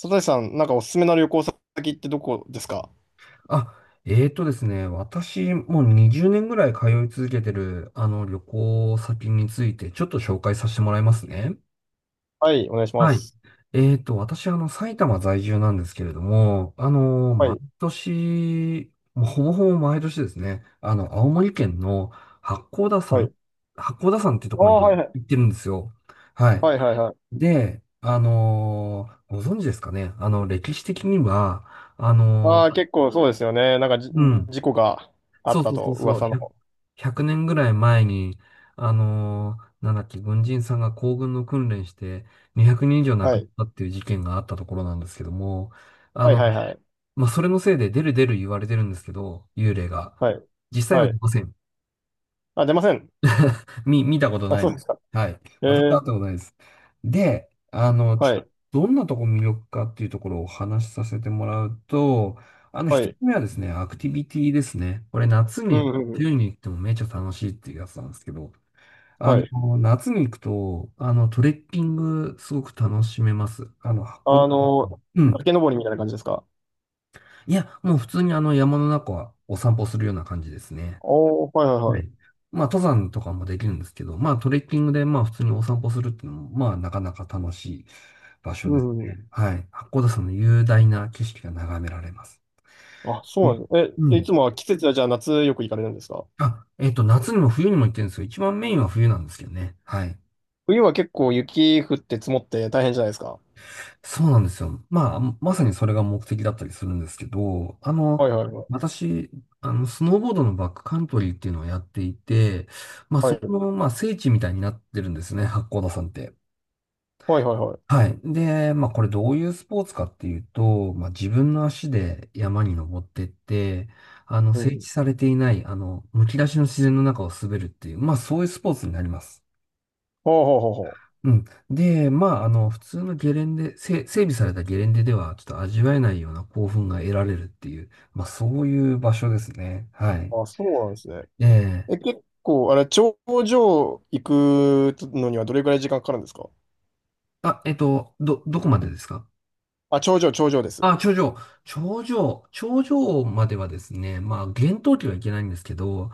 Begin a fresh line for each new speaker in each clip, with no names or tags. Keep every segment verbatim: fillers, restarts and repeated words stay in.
佐藤さん、なんかおすすめの旅行先ってどこですか？
あ、えーとですね、私、もうにじゅうねんぐらい通い続けてる、あの、旅行先について、ちょっと紹介させてもらいますね。
はい、お願いしま
はい。
す。
えーと、私、あの、埼玉在住なんですけれども、あの、
は
毎
い、
年、もうほぼほぼ毎年ですね、あの、青森県の八甲田
は
山、
い。
八甲田山ってと
あ
ころに
あ、はい、はい。
行ってるんですよ。はい。
はい、はい、はい。
で、あの、ご存知ですかね、あの、歴史的には、あの、
ああ、結構そうですよね。なんかじ、
うん。
事故があっ
そう
た
そうそ
と、
うそう、
噂の。
ひゃく年ぐらい前に、あのーなんだっけ、軍人さんが行軍の訓練してにひゃくにん以上亡
は
くなっ
い、
たっていう事件があったところなんですけども、あ
はい、
の、
はい、はい。
まあ、それのせいで出る出る言われてるんですけど、幽霊が。
はい、
実際
は
は出
い。
ません。
あ、出ません。
み、見たこと
あ、
ない
そ
で
うで
す。
すか。
はい。
え
私は会
え、
ったことないです。で、あの、ちょ、
はい、
どんなとこ魅力かっていうところをお話しさせてもらうと、あの、
は
一つ
い。
目はですね、アクティビティですね。これ夏
うん、
に、
うん、う
冬
ん。
に行ってもめちゃ楽しいっていうやつなんですけど、あ
はい。
の、夏に行くと、あの、トレッキングすごく楽しめます。あの、箱、
あの、
うん。
崖登りみたいな感じですか？
いや、もう普通にあの山の中はお散歩するような感じですね。
おおー、はい、はい、
は
はい。
い。まあ、登山とかもできるんですけど、まあ、トレッキングで、まあ、普通にお散歩するっていうのも、まあ、なかなか楽しい場
う
所です
ん、うん。うん。
ね。はい。八甲田山の雄大な景色が眺められます。
あ、そう
ね
なんですね。
う
え、い
ん。
つもは季節はじゃあ夏よく行かれるんですか？
あ、えっと、夏にも冬にも行ってるんですよ。一番メインは冬なんですけどね。はい。
冬は結構雪降って積もって大変じゃないですか？
そうなんですよ。まあ、まさにそれが目的だったりするんですけど、あの、
はいはいはい。
私、あの、スノーボードのバックカントリーっていうのをやっていて、まあ、
は
そ
い。
この、まあ、聖地みたいになってるんですね、八甲田山って。
はいはいはい。
はい。で、まあこれどういうスポーツかっていうと、まあ自分の足で山に登ってって、あの、
う
整
ん。
地されていない、あの、むき出しの自然の中を滑るっていう、まあそういうスポーツになります。
ほうほうほうほ
うん。で、まああの、普通のゲレンデ、せ整備されたゲレンデではちょっと味わえないような興奮が得られるっていう、まあそういう場所ですね。はい。
う。あ、そうなんですね。
ええ、
え、結構、あれ、頂上行くのにはどれくらい時間かかるんですか？
あ、えっと、ど、どこまでですか？
あ、頂上、頂上です。
あ、頂上。頂上。頂上まではですね、まあ、厳冬期はいけないんですけど、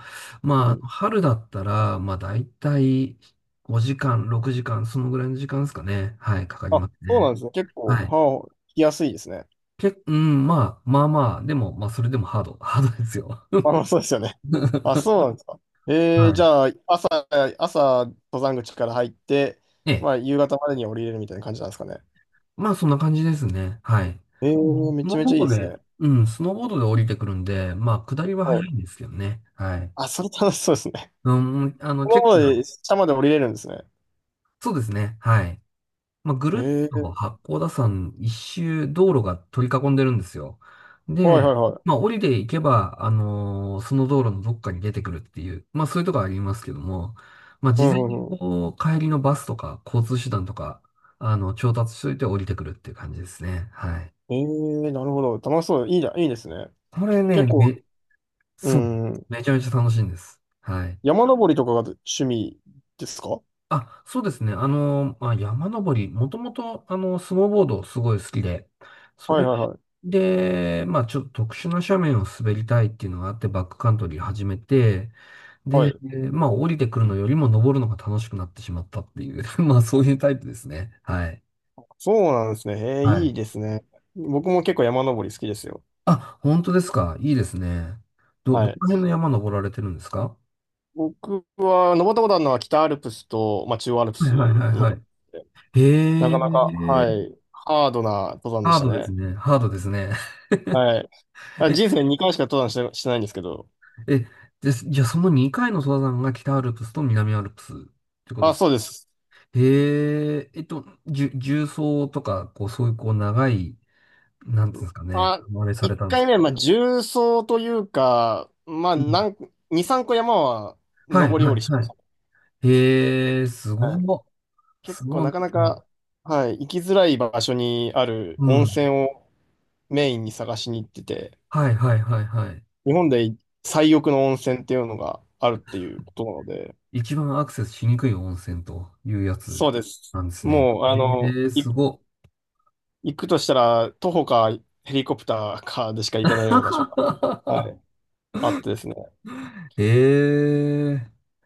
う
ま
ん。
あ、春だったら、まあ、だいたいごじかん、ろくじかん、そのぐらいの時間ですかね。はい、かかり
あ、
ます
そうな
ね。
んですね。結構、
はい。
はあ、来やすいですね。
け、うん、まあ、まあまあ、でも、まあ、それでもハード、ハードですよ。
あ、そうですよね。あ、そうなんですか。えー、
は
じ
い。
ゃあ、朝、朝、登山口から入って、
え
ま
え。
あ、夕方までには降りれるみたいな感じなんですかね。
まあ、そんな感じですね。はい。
え
うん
ー、め
スノ
ちゃ
ー
め
ボ
ち
ー
ゃいい
ド
です
で、
ね。
うん、スノーボードで降りてくるんで、まあ、下りは
は
早
い。
いんですけどね。はい。
あ、それ楽しそうですね。
うん、あ の、
その
結
ままで、
構、
下まで降りれるんですね。
そうですね。はい。まあ、ぐるっ
え
と
ー、
八甲田山いっしゅう道路が取り囲んでるんですよ。
は
で、
いはいは
まあ、
い。
降りていけば、あのーその道路のどっかに出てくるっていう、まあ、そういうとこありますけども、まあ、
う
事
ん
前
う
に
んうん。
こう、帰りのバスとか交通手段とか、あの、調達しといて降りてくるっていう感じですね。はい。
ええなるほど。楽しそう。いいじゃん。いいですね。
これね、
結構、
め、
う
そう、
ん。
めちゃめちゃ楽しいんです。はい。
山登りとかが趣味ですか？は
あ、そうですね。あの、まあ、山登り、もともと、あの、スノーボードすごい好きで、
い
そ
はい
れ
はい。
で、まあ、ちょっと特殊な斜面を滑りたいっていうのがあって、バックカントリー始めて、
は
で、
い。
えーまあ、降りてくるのよりも登るのが楽しくなってしまったっていう、まあ、そういうタイプですね。はい。
そうなんですね。ええ
は
いい
い。
ですね。僕も結構山登り好きですよ。
あ、本当ですか。いいですね。ど、ど
は
こ
い。
ら辺の山登られてるんですか？
僕は登ったことあるのは北アルプスと、まあ、中央アルプ
はい
ス
はいはい
の、
はい。
なかなか、
へ
は
え、
い、ハードな登山で
ハ
し
ー
た
ドです
ね。
ね。ハードですね。
はい。あ、人 生にかいしか登山して、してないんですけど。
え、です、じゃあそのにかいの登山が北アルプスと南アルプスってことで
あ、
す。
そうです。
へえ、えっと、じゅ、重曹とか、こう、そういうこう、長い、なんていうんですかね、
まあ、
あれされ
一
たんです
回
か。
目は、まあ、重曹というか、まあ、
うん、
なん、二、三個山は
はい、
登り
は
降
い、
りし
は
まし
い。へえ、す
た。
ご
はい。
い、
結
す
構
ごい
なかな
なんか。
か、はい、行きづらい場所にある
う
温
ん。
泉をメインに探しに行ってて、
はい、はい、はい、はい。
日本で最奥の温泉っていうのがあるっていうことなので、
一番アクセスしにくい温泉というやつ
そうです。
なんですね。
もう、あの、
へえ、
い、
すご
行くとしたら、徒歩かヘリコプターかでしか
い
行けないような場所が、は い、あってですね。
へえ、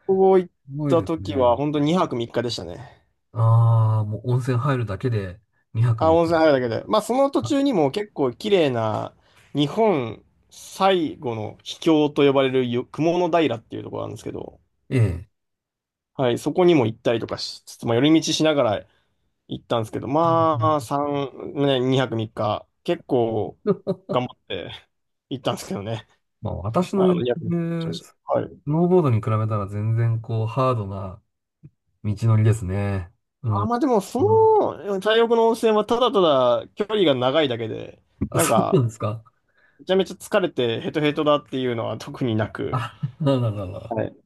ここ行っ
すごいで
た
す
時
ね。
は、本当ににはくさんにちでしたね。
ああ、もう温泉入るだけでにはく
あ、
さん、い
温泉入るだけで。まあ、その途
あ、
中にも結構綺麗な、日本最後の秘境と呼ばれるよ雲の平っていうところなんですけど、
ええ。
はい、そこにも行ったりとかしつつ、まあ、寄り道しながら行ったんですけど、まあ、さん、ね、にはくさんにち、結構
はい、
頑張って行ったんですけどね。
まあ私の
あ
やっ
の、
て
にはくさんにちしま
る
し
ス
た。はい。
ノーボードに比べたら全然こうハードな道のりですね。
あ、まあでも、そ
うん、
の、太浴の温泉はただただ距離が長いだけで、
あ、
なん
そうな
か、
んですか？
めちゃめちゃ疲れてヘトヘトだっていうのは特にな く、
あ、なるほど、なるほど。
はい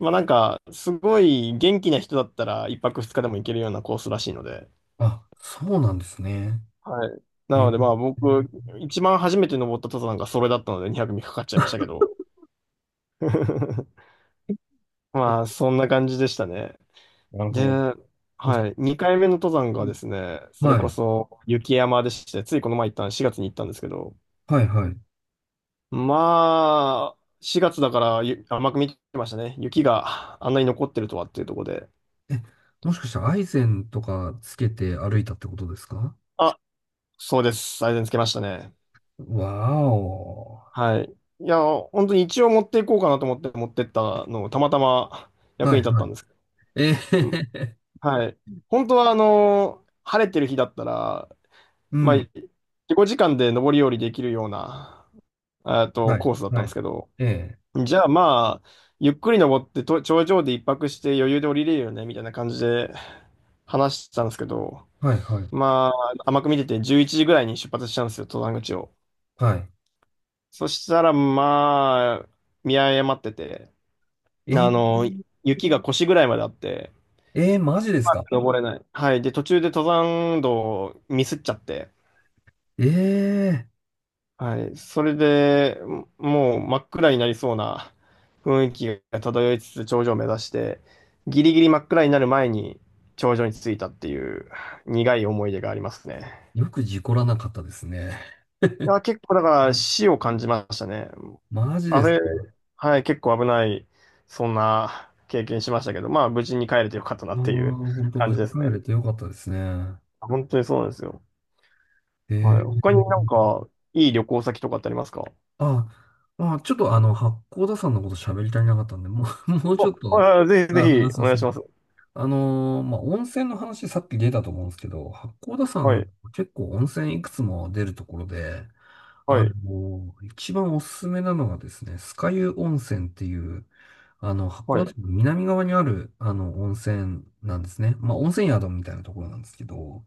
まあなんか、すごい元気な人だったらいっぱくふつかでも行けるようなコースらしいので。
あ、そうなんですね。
はい。な
え
の
ー、
でまあ僕、一番初めて登った登山がそれだったのでにはくミクかかっちゃいましたけど。まあ そんな感じでしたね。
なる
で、
ほど。
は い。にかいめの登山がですね、そ
は
れこ
い、
そ雪山でして、ついこの前行ったしがつに行ったんですけど、
はい、はい。
まあ、しがつだからゆ甘く見てましたね。雪があんなに残ってるとはっていうところで。
え、もしかしてアイゼンとかつけて歩いたってことですか？
あ、そうです。最善つけましたね。
わーお。
はい。いや、本当に一応持っていこうかなと思って持ってったのをたまたま役
はい、
に立っ
は
た
い。
んですけど。
え
うん
え、
はい。本当は、あの、晴れてる日だったら、
う
まあ、
ん。
自己時間で上り下りできるような、えっと、
はい、
コースだった
は
んです
い。
けど、
ええ、
じゃあまあ、ゆっくり登ってと頂上で一泊して余裕で降りれるよね、みたいな感じで話してたんですけど、
はい、はい、
まあ、甘く見ててじゅういちじぐらいに出発したんですよ、登山口を。
はい。
そしたら、まあ、見誤ってて、
え
あ
え、
の、雪が腰ぐらいまであって、
ええ、マジですか？
登れない。はい。で、途中で登山道をミスっちゃって、
ええ、
はい。それで、もう真っ暗になりそうな雰囲気が漂いつつ頂上を目指して、ギリギリ真っ暗になる前に頂上に着いたっていう苦い思い出がありますね。
よく事故らなかったですね。
いや、結構だから死を感じましたね。
マジで
あ
すか？
れ、
あ
はい、結構危ない、そんな経験しましたけど、まあ無事に帰れてよかったな
あー、
っていう
本当
感
無
じで
事
す
帰れ
ね。
てよかったですね。
本当にそうなんですよ。
え
はい。
え、
他になんか、いい旅行先とかってありますか？
あ、あ、ちょっとあの、八甲田さんのこと喋り足りなかったんで、もう、もう
あ、
ちょっと、
はいはい、ぜひぜ
あ、話
ひ、
そ
お
う
願
そ
いし
う。
ます。
あのーまあ、温泉の話さっき出たと思うんですけど、八甲田さ
は
ん
い、
結構温泉いくつも出るところで、
は
あ
い、
の、一番おすすめなのがですね、酸ヶ湯温泉っていう、あの、
は
函
い、
館の南側にある、あの、温泉なんですね。まあ、温泉宿みたいなところなんですけど、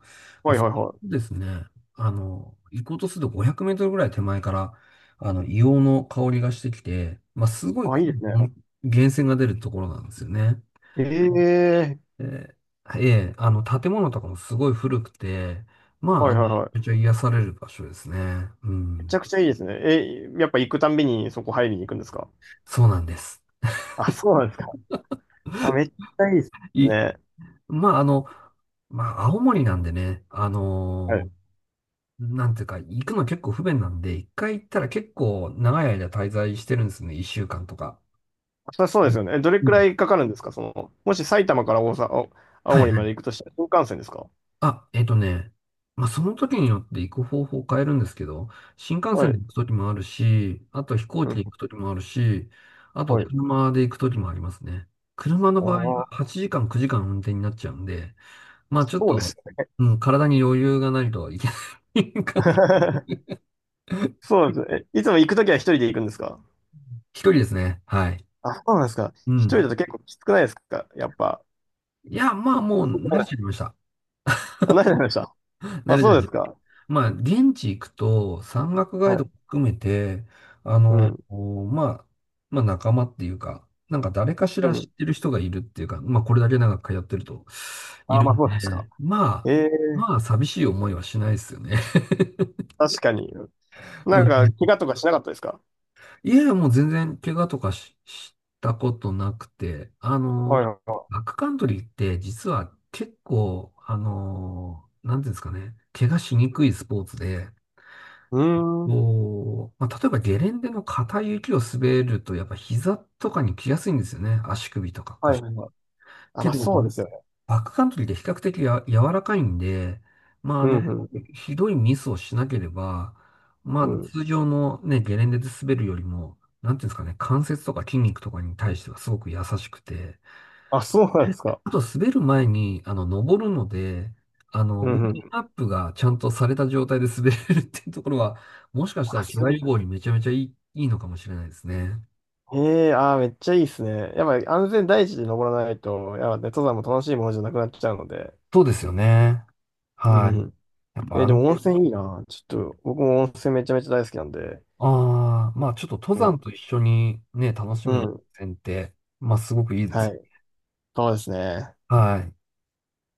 まあ、
はい、
そ
は
こ
い、は
で
い。
すね、あの、行こうとするとごひゃくメートルぐらい手前から、あの、硫黄の香りがしてきて、まあ、すごい
あ、
濃
いいで
い
すね。
温源泉が出るところなんですよね。
ええ
で、ええ、あの、建物とかもすごい古くて、まあ、
はい、
あ
はい、
の
は
めちゃくち
い。
ゃ癒される場所ですね。う
めち
ん。
ゃくちゃいいですね。え、やっぱ行くたんびにそこ入りに行くんですか？
そうなんです。
あ、そうなんですか。あ、めっちゃいいです
い、
ね。
まあ、あの、まあ、青森なんでね、あ
はい。
のーなんていうか、行くの結構不便なんで、いっかい行ったら結構長い間滞在してるんですね。いっしゅうかんとか。
そそう
う
です
ん
よね。え、どれ
う
く
ん、
らいかかるんですか？その、もし埼玉から大阪、お青
はいは
森まで
い。
行くとしたら新幹線ですか？
あ、えっとね、まあ、その時によって行く方法を変えるんですけど、新幹
は
線で
い。
行く時もあるし、あと飛行
う
機
ん、
で行く時もあるし、あと
はい。
車で行く時もありますね。車の
あ
場合は
あ、
はちじかん、くじかん運転になっちゃうんで、まあちょっ
そうで
と、
すね。
うん、体に余裕がないといけない 感じ。
そうなんですね。えいつも行くときは一人で行くんですか？
ひとりですね。はい。
あ、そうなんですか。
う
一
ん。
人だと結構きつくないですかやっぱ。
いや、まあもう
そ
慣れ
ない、
ちゃいました。
あ、何でました？
慣
あ、
れち
そ
ゃい
う
ま
で
し
す
た。
か。
まあ現地行くと山岳ガイ
は
ド
い。
含めて、あ
う
の、
ん。
こうまあ、まあ仲間っていうか、なんか誰かし
う
ら知っ
ん。
てる人がいるっていうか、まあこれだけ長く通ってるとい
あ、
る
まあ
ん
そうですか。
で、まあ、
ええ
まあ寂しい思いはしないですよね。
確かに。
う
なんか、怪
ん。
我とかしなかったですか？
いやいや、もう全然怪我とかし、したことなくて、あ
はい
の、
はいはい。
バックカントリーって実は結構、あの、なんていうんですかね、怪我しにくいスポーツで、
うーん。
こう、まあ、例えばゲレンデの硬い雪を滑ると、やっぱ膝とかに来やすいんですよね。足首とか
はい
腰。
はいはい。あ、
け
まあ
ど、
そ
バ
うで
ッ
すよね。
バックカントリーって比較的や柔らかいんで、まあ、あ
う
の、
んうん。
ひどいミスをしなければ、ま
う
あ、
ん。
通常のね、ゲレンデで滑るよりも、なんていうんですかね、関節とか筋肉とかに対してはすごく優しくて、
あ、そうなんですか。
あと滑る前に、あの、登るので、あ の、
う
ウォー
んう
ミン
ん。
グアップがちゃんとされた状態で滑れるっていうところは、もしかした
あ、
ら怪
そう
我
いうこ
予
とか。
防にめちゃめちゃいい、いいのかもしれないですね。
ええあー、めっちゃいいですね。やっぱり安全第一で登らないと、やっぱね、登山も楽しいものじゃなくなっちゃうので。
そうですよね。
うん
はい。
うん。
やっぱ
え、で
安
も温
全
泉いいな。ちょっと、僕も温泉めちゃめちゃ大好きなんで。
ああ、まあちょっと登
は
山
い
と一緒にね、楽し
う
むる
ん。
線って、まあすごくいいで
は
す。
い。そうですね。
はい。